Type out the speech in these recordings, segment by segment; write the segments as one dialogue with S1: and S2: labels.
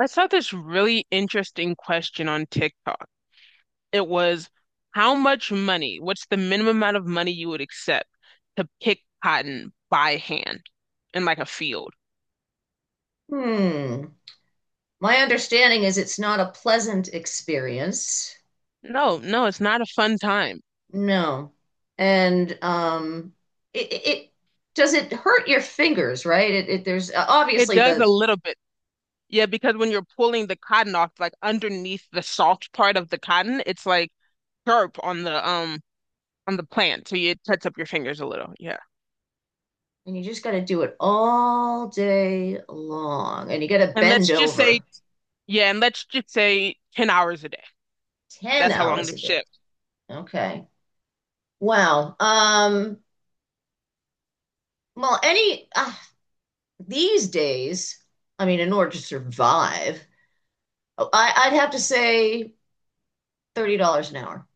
S1: I saw this really interesting question on TikTok. It was how much money, what's the minimum amount of money you would accept to pick cotton by hand in like a field?
S2: Hmm. My understanding is it's not a pleasant experience.
S1: No, no, it's not a fun time.
S2: No. And it, it it- does it hurt your fingers, right? It there's
S1: It
S2: obviously
S1: does a
S2: the
S1: little bit. Yeah, because when you're pulling the cotton off, like underneath the soft part of the cotton, it's like sharp on the plant. So it cuts up your fingers a little. Yeah.
S2: and you just got to do it all day long and you got to
S1: And
S2: bend
S1: let's just say,
S2: over
S1: yeah, and let's just say 10 hours a day.
S2: 10
S1: That's how long
S2: hours a
S1: this
S2: day.
S1: shit.
S2: Okay. Wow. Well any these days, I mean, in order to survive, oh, I'd have to say $30 an hour.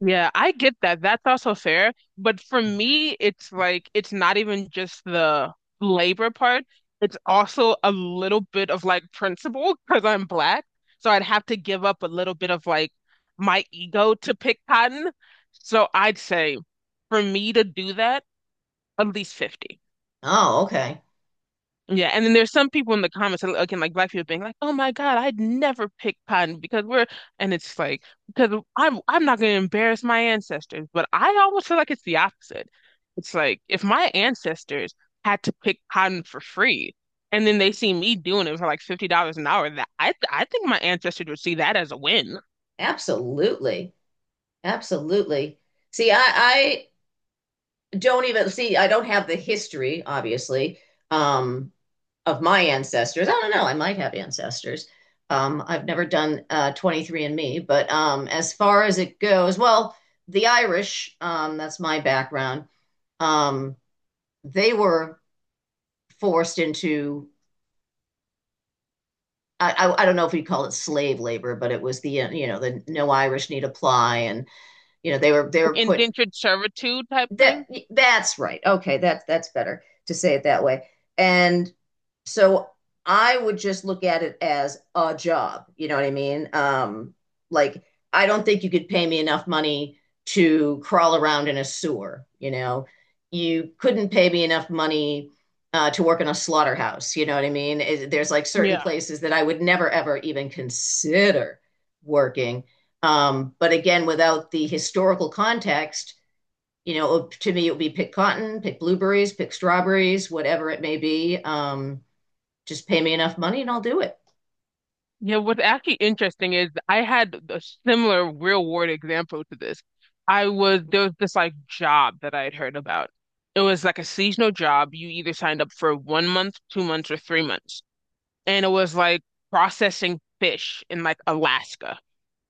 S1: Yeah, I get that. That's also fair. But for me, it's like it's not even just the labor part. It's also a little bit of like principle because I'm black. So I'd have to give up a little bit of like my ego to pick cotton. So I'd say for me to do that, at least 50.
S2: Oh, okay.
S1: Yeah, and then there's some people in the comments, again, like black people being like, "Oh my God, I'd never pick cotton because we're," and it's like because I'm not going to embarrass my ancestors, but I almost feel like it's the opposite. It's like if my ancestors had to pick cotton for free, and then they see me doing it for like $50 an hour, that I think my ancestors would see that as a win.
S2: Absolutely. Absolutely. See, I, I don't even see, I don't have the history, obviously, um, of my ancestors. I don't know. I might have ancestors. I've never done 23 and Me, but as far as it goes, well, the Irish, that's my background, um, they were forced into, I don't know if we call it slave labor, but it was the, you know, the no Irish need apply. And, you know, they were put.
S1: Indentured servitude type
S2: That
S1: thing.
S2: that's right. Okay, that's better to say it that way. And so I would just look at it as a job. You know what I mean? Like I don't think you could pay me enough money to crawl around in a sewer. You know, you couldn't pay me enough money to work in a slaughterhouse. You know what I mean? There's like certain
S1: Yeah.
S2: places that I would never ever even consider working. But again, without the historical context, you know, to me, it would be pick cotton, pick blueberries, pick strawberries, whatever it may be. Just pay me enough money and I'll do it.
S1: Yeah, what's actually interesting is I had a similar real world example to this. I was There was this like job that I had heard about. It was like a seasonal job. You either signed up for 1 month, 2 months, or 3 months. And it was like processing fish in like Alaska.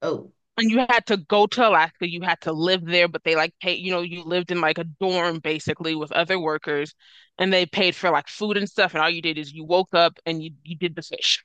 S2: Oh,
S1: And you had to go to Alaska, you had to live there, but they like pay, you know, you lived in like a dorm basically with other workers and they paid for like food and stuff, and all you did is you woke up and you did the fish.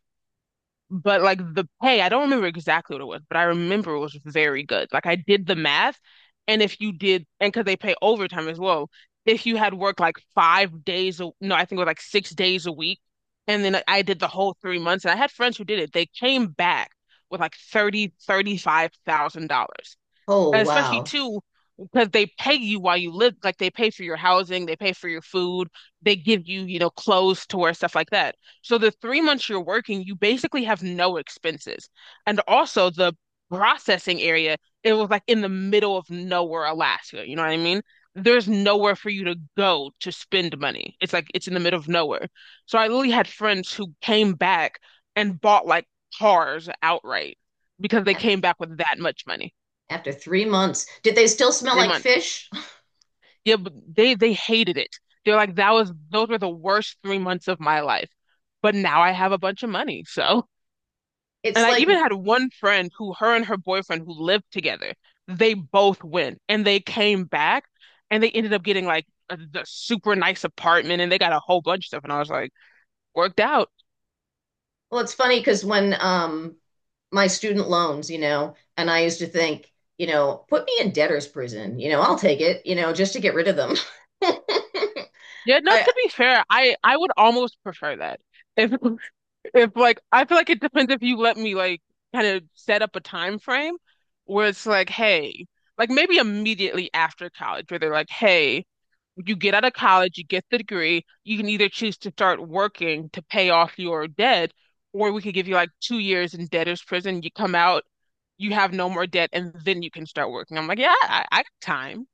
S1: But like the pay, I don't remember exactly what it was, but I remember it was very good. Like I did the math, and if you did, and because they pay overtime as well, if you had worked like five days, a, no, I think it was like 6 days a week, and then I did the whole 3 months, and I had friends who did it. They came back with like $35,000.
S2: oh,
S1: And especially
S2: wow.
S1: too, because they pay you while you live, like they pay for your housing, they pay for your food, they give you, you know, clothes to wear, stuff like that. So the 3 months you're working, you basically have no expenses. And also the processing area, it was like in the middle of nowhere, Alaska. You know what I mean? There's nowhere for you to go to spend money. It's like it's in the middle of nowhere. So I literally had friends who came back and bought like cars outright because they came back with that much money.
S2: After 3 months, did they still smell
S1: Three
S2: like
S1: months.
S2: fish?
S1: Yeah, but they hated it. They're like, that was those were the worst 3 months of my life. But now I have a bunch of money. So,
S2: It's
S1: and I
S2: like,
S1: even had one friend who her and her boyfriend who lived together, they both went and they came back and they ended up getting like the super nice apartment and they got a whole bunch of stuff. And I was like, worked out.
S2: well, it's funny because when my student loans, you know, and I used to think, you know, put me in debtor's prison, you know, I'll take it, you know, just to get rid of them.
S1: Yeah, no,
S2: I,
S1: to be fair, I would almost prefer that. If if like I feel like it depends if you let me like kind of set up a time frame where it's like, hey, like maybe immediately after college, where they're like, hey, you get out of college, you get the degree, you can either choose to start working to pay off your debt, or we could give you like 2 years in debtor's prison. You come out, you have no more debt, and then you can start working. I'm like, yeah, I got time.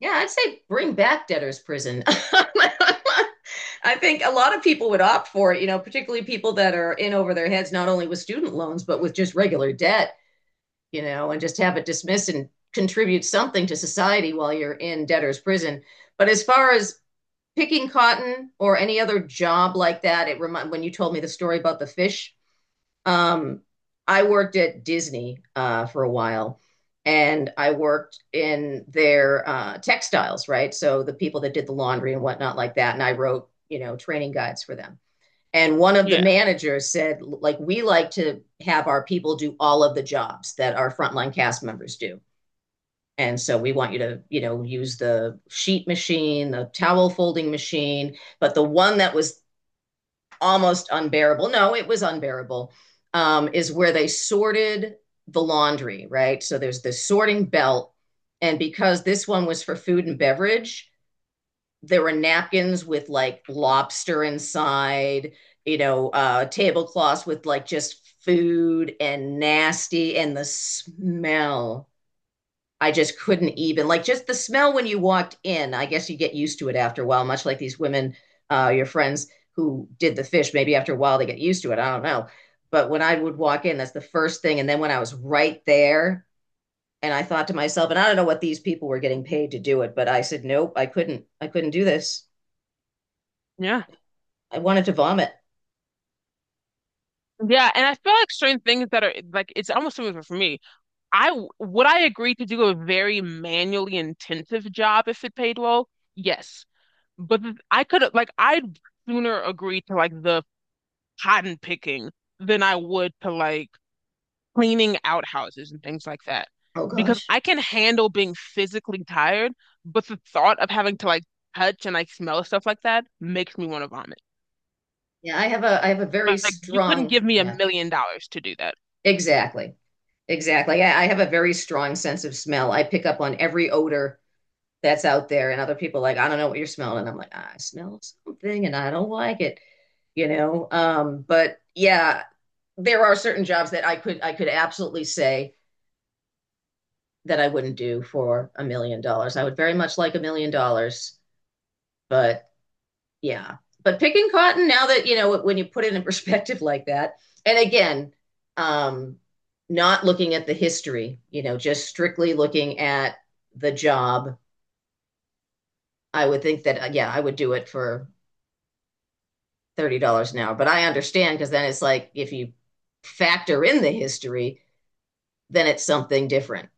S2: yeah, I'd say bring back debtor's prison. I think a lot of people would opt for it, you know, particularly people that are in over their heads, not only with student loans, but with just regular debt, you know, and just have it dismissed and contribute something to society while you're in debtor's prison. But as far as picking cotton or any other job like that, it remind when you told me the story about the fish. Um, I worked at Disney for a while, and I worked in their textiles, right? So the people that did the laundry and whatnot like that, and I wrote, you know, training guides for them. And one of the
S1: Yeah,
S2: managers said, like, we like to have our people do all of the jobs that our frontline cast members do. And so we want you to, you know, use the sheet machine, the towel folding machine. But the one that was almost unbearable, no, it was unbearable, is where they sorted the laundry, right? So there's the sorting belt. And because this one was for food and beverage, there were napkins with like lobster inside, you know, tablecloths with like just food and nasty and the smell. I just couldn't even like just the smell when you walked in. I guess you get used to it after a while, much like these women, your friends who did the fish. Maybe after a while they get used to it. I don't know. But when I would walk in, that's the first thing. And then when I was right there, and I thought to myself, and I don't know what these people were getting paid to do it, but I said, nope, I couldn't. I couldn't do this.
S1: yeah,
S2: I wanted to vomit.
S1: yeah. And I feel like certain things that are like it's almost similar for me. I would I agree to do a very manually intensive job if it paid well? Yes. But I could like I'd sooner agree to like the cotton picking than I would to like cleaning outhouses and things like that.
S2: Oh
S1: Because
S2: gosh.
S1: I can handle being physically tired, but the thought of having to like touch and like smell stuff like that makes me want to vomit.
S2: Yeah, I have a very
S1: Like you couldn't
S2: strong,
S1: give me a
S2: yeah,
S1: million dollars to do that.
S2: exactly. Exactly. I have a very strong sense of smell. I pick up on every odor that's out there, and other people are like, I don't know what you're smelling. And I'm like, I smell something and I don't like it, you know. But yeah, there are certain jobs that I could absolutely say that I wouldn't do for $1 million. I would very much like $1 million, but yeah. But picking cotton, now that you know when you put it in perspective like that, and again, um, not looking at the history, you know, just strictly looking at the job, I would think that yeah, I would do it for $30 an hour. But I understand, because then it's like if you factor in the history, then it's something different.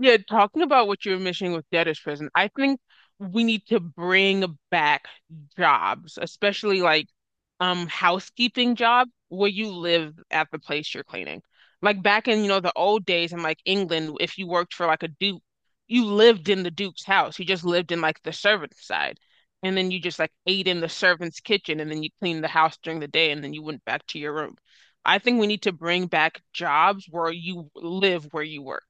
S1: Yeah, talking about what you're mentioning with debtor's prison, I think we need to bring back jobs, especially like housekeeping job where you live at the place you're cleaning. Like back in, you know, the old days in like England, if you worked for like a duke, you lived in the duke's house. You just lived in like the servant's side. And then you just like ate in the servant's kitchen and then you cleaned the house during the day and then you went back to your room. I think we need to bring back jobs where you live where you work.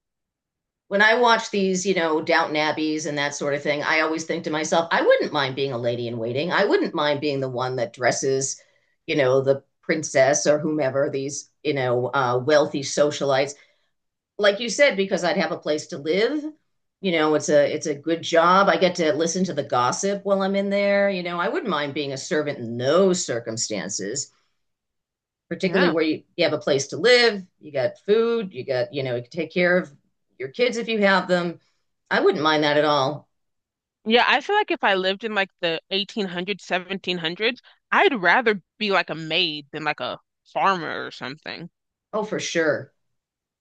S2: When I watch these, you know, Downton Abbeys and that sort of thing, I always think to myself, I wouldn't mind being a lady in waiting. I wouldn't mind being the one that dresses, you know, the princess or whomever these, you know, wealthy socialites like you said, because I'd have a place to live. You know, it's a good job. I get to listen to the gossip while I'm in there. You know, I wouldn't mind being a servant in those circumstances, particularly
S1: Yeah.
S2: where you have a place to live, you got food, you got, you know, you can take care of your kids if you have them. I wouldn't mind that at all.
S1: Yeah, I feel like if I lived in like the 1800s, 1700s, I'd rather be like a maid than like a farmer or something.
S2: Oh, for sure.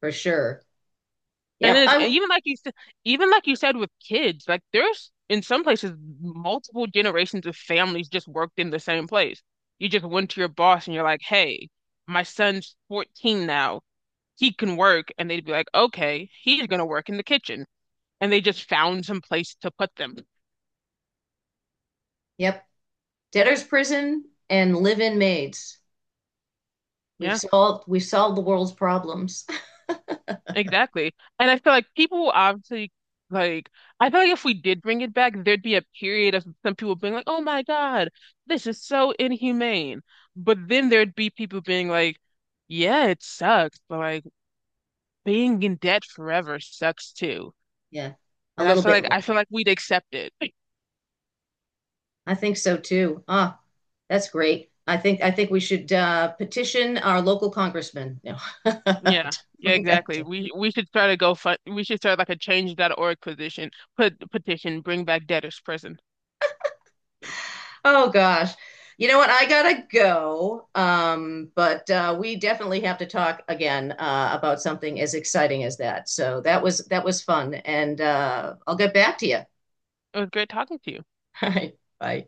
S2: For sure.
S1: And
S2: Yep.
S1: then it's, and
S2: I
S1: even like you said, even like you said with kids, like there's in some places multiple generations of families just worked in the same place. You just went to your boss and you're like, "Hey, my son's 14 now. He can work." And they'd be like, "Okay, he's gonna work in the kitchen." And they just found some place to put them.
S2: yep. Debtor's prison and live-in maids.
S1: Yeah.
S2: We've solved the world's problems.
S1: Exactly. And I feel like people will obviously like I feel like if we did bring it back, there'd be a period of some people being like, "Oh my God, this is so inhumane." But then there'd be people being like, "Yeah, it sucks, but like being in debt forever sucks too."
S2: Yeah. A
S1: And
S2: little bit
S1: I
S2: more.
S1: feel like we'd accept it.
S2: I think so too. Ah, that's great. I think we should petition our local congressman. No,
S1: Yeah.
S2: to
S1: Yeah,
S2: bring back
S1: exactly.
S2: to.
S1: We should start a GoFund. We should start like a change.org position, put petition, bring back debtors prison.
S2: Oh gosh, you know what? I gotta go. But we definitely have to talk again about something as exciting as that. So that was fun, and I'll get back to you.
S1: It was great talking to you.
S2: All right, bye.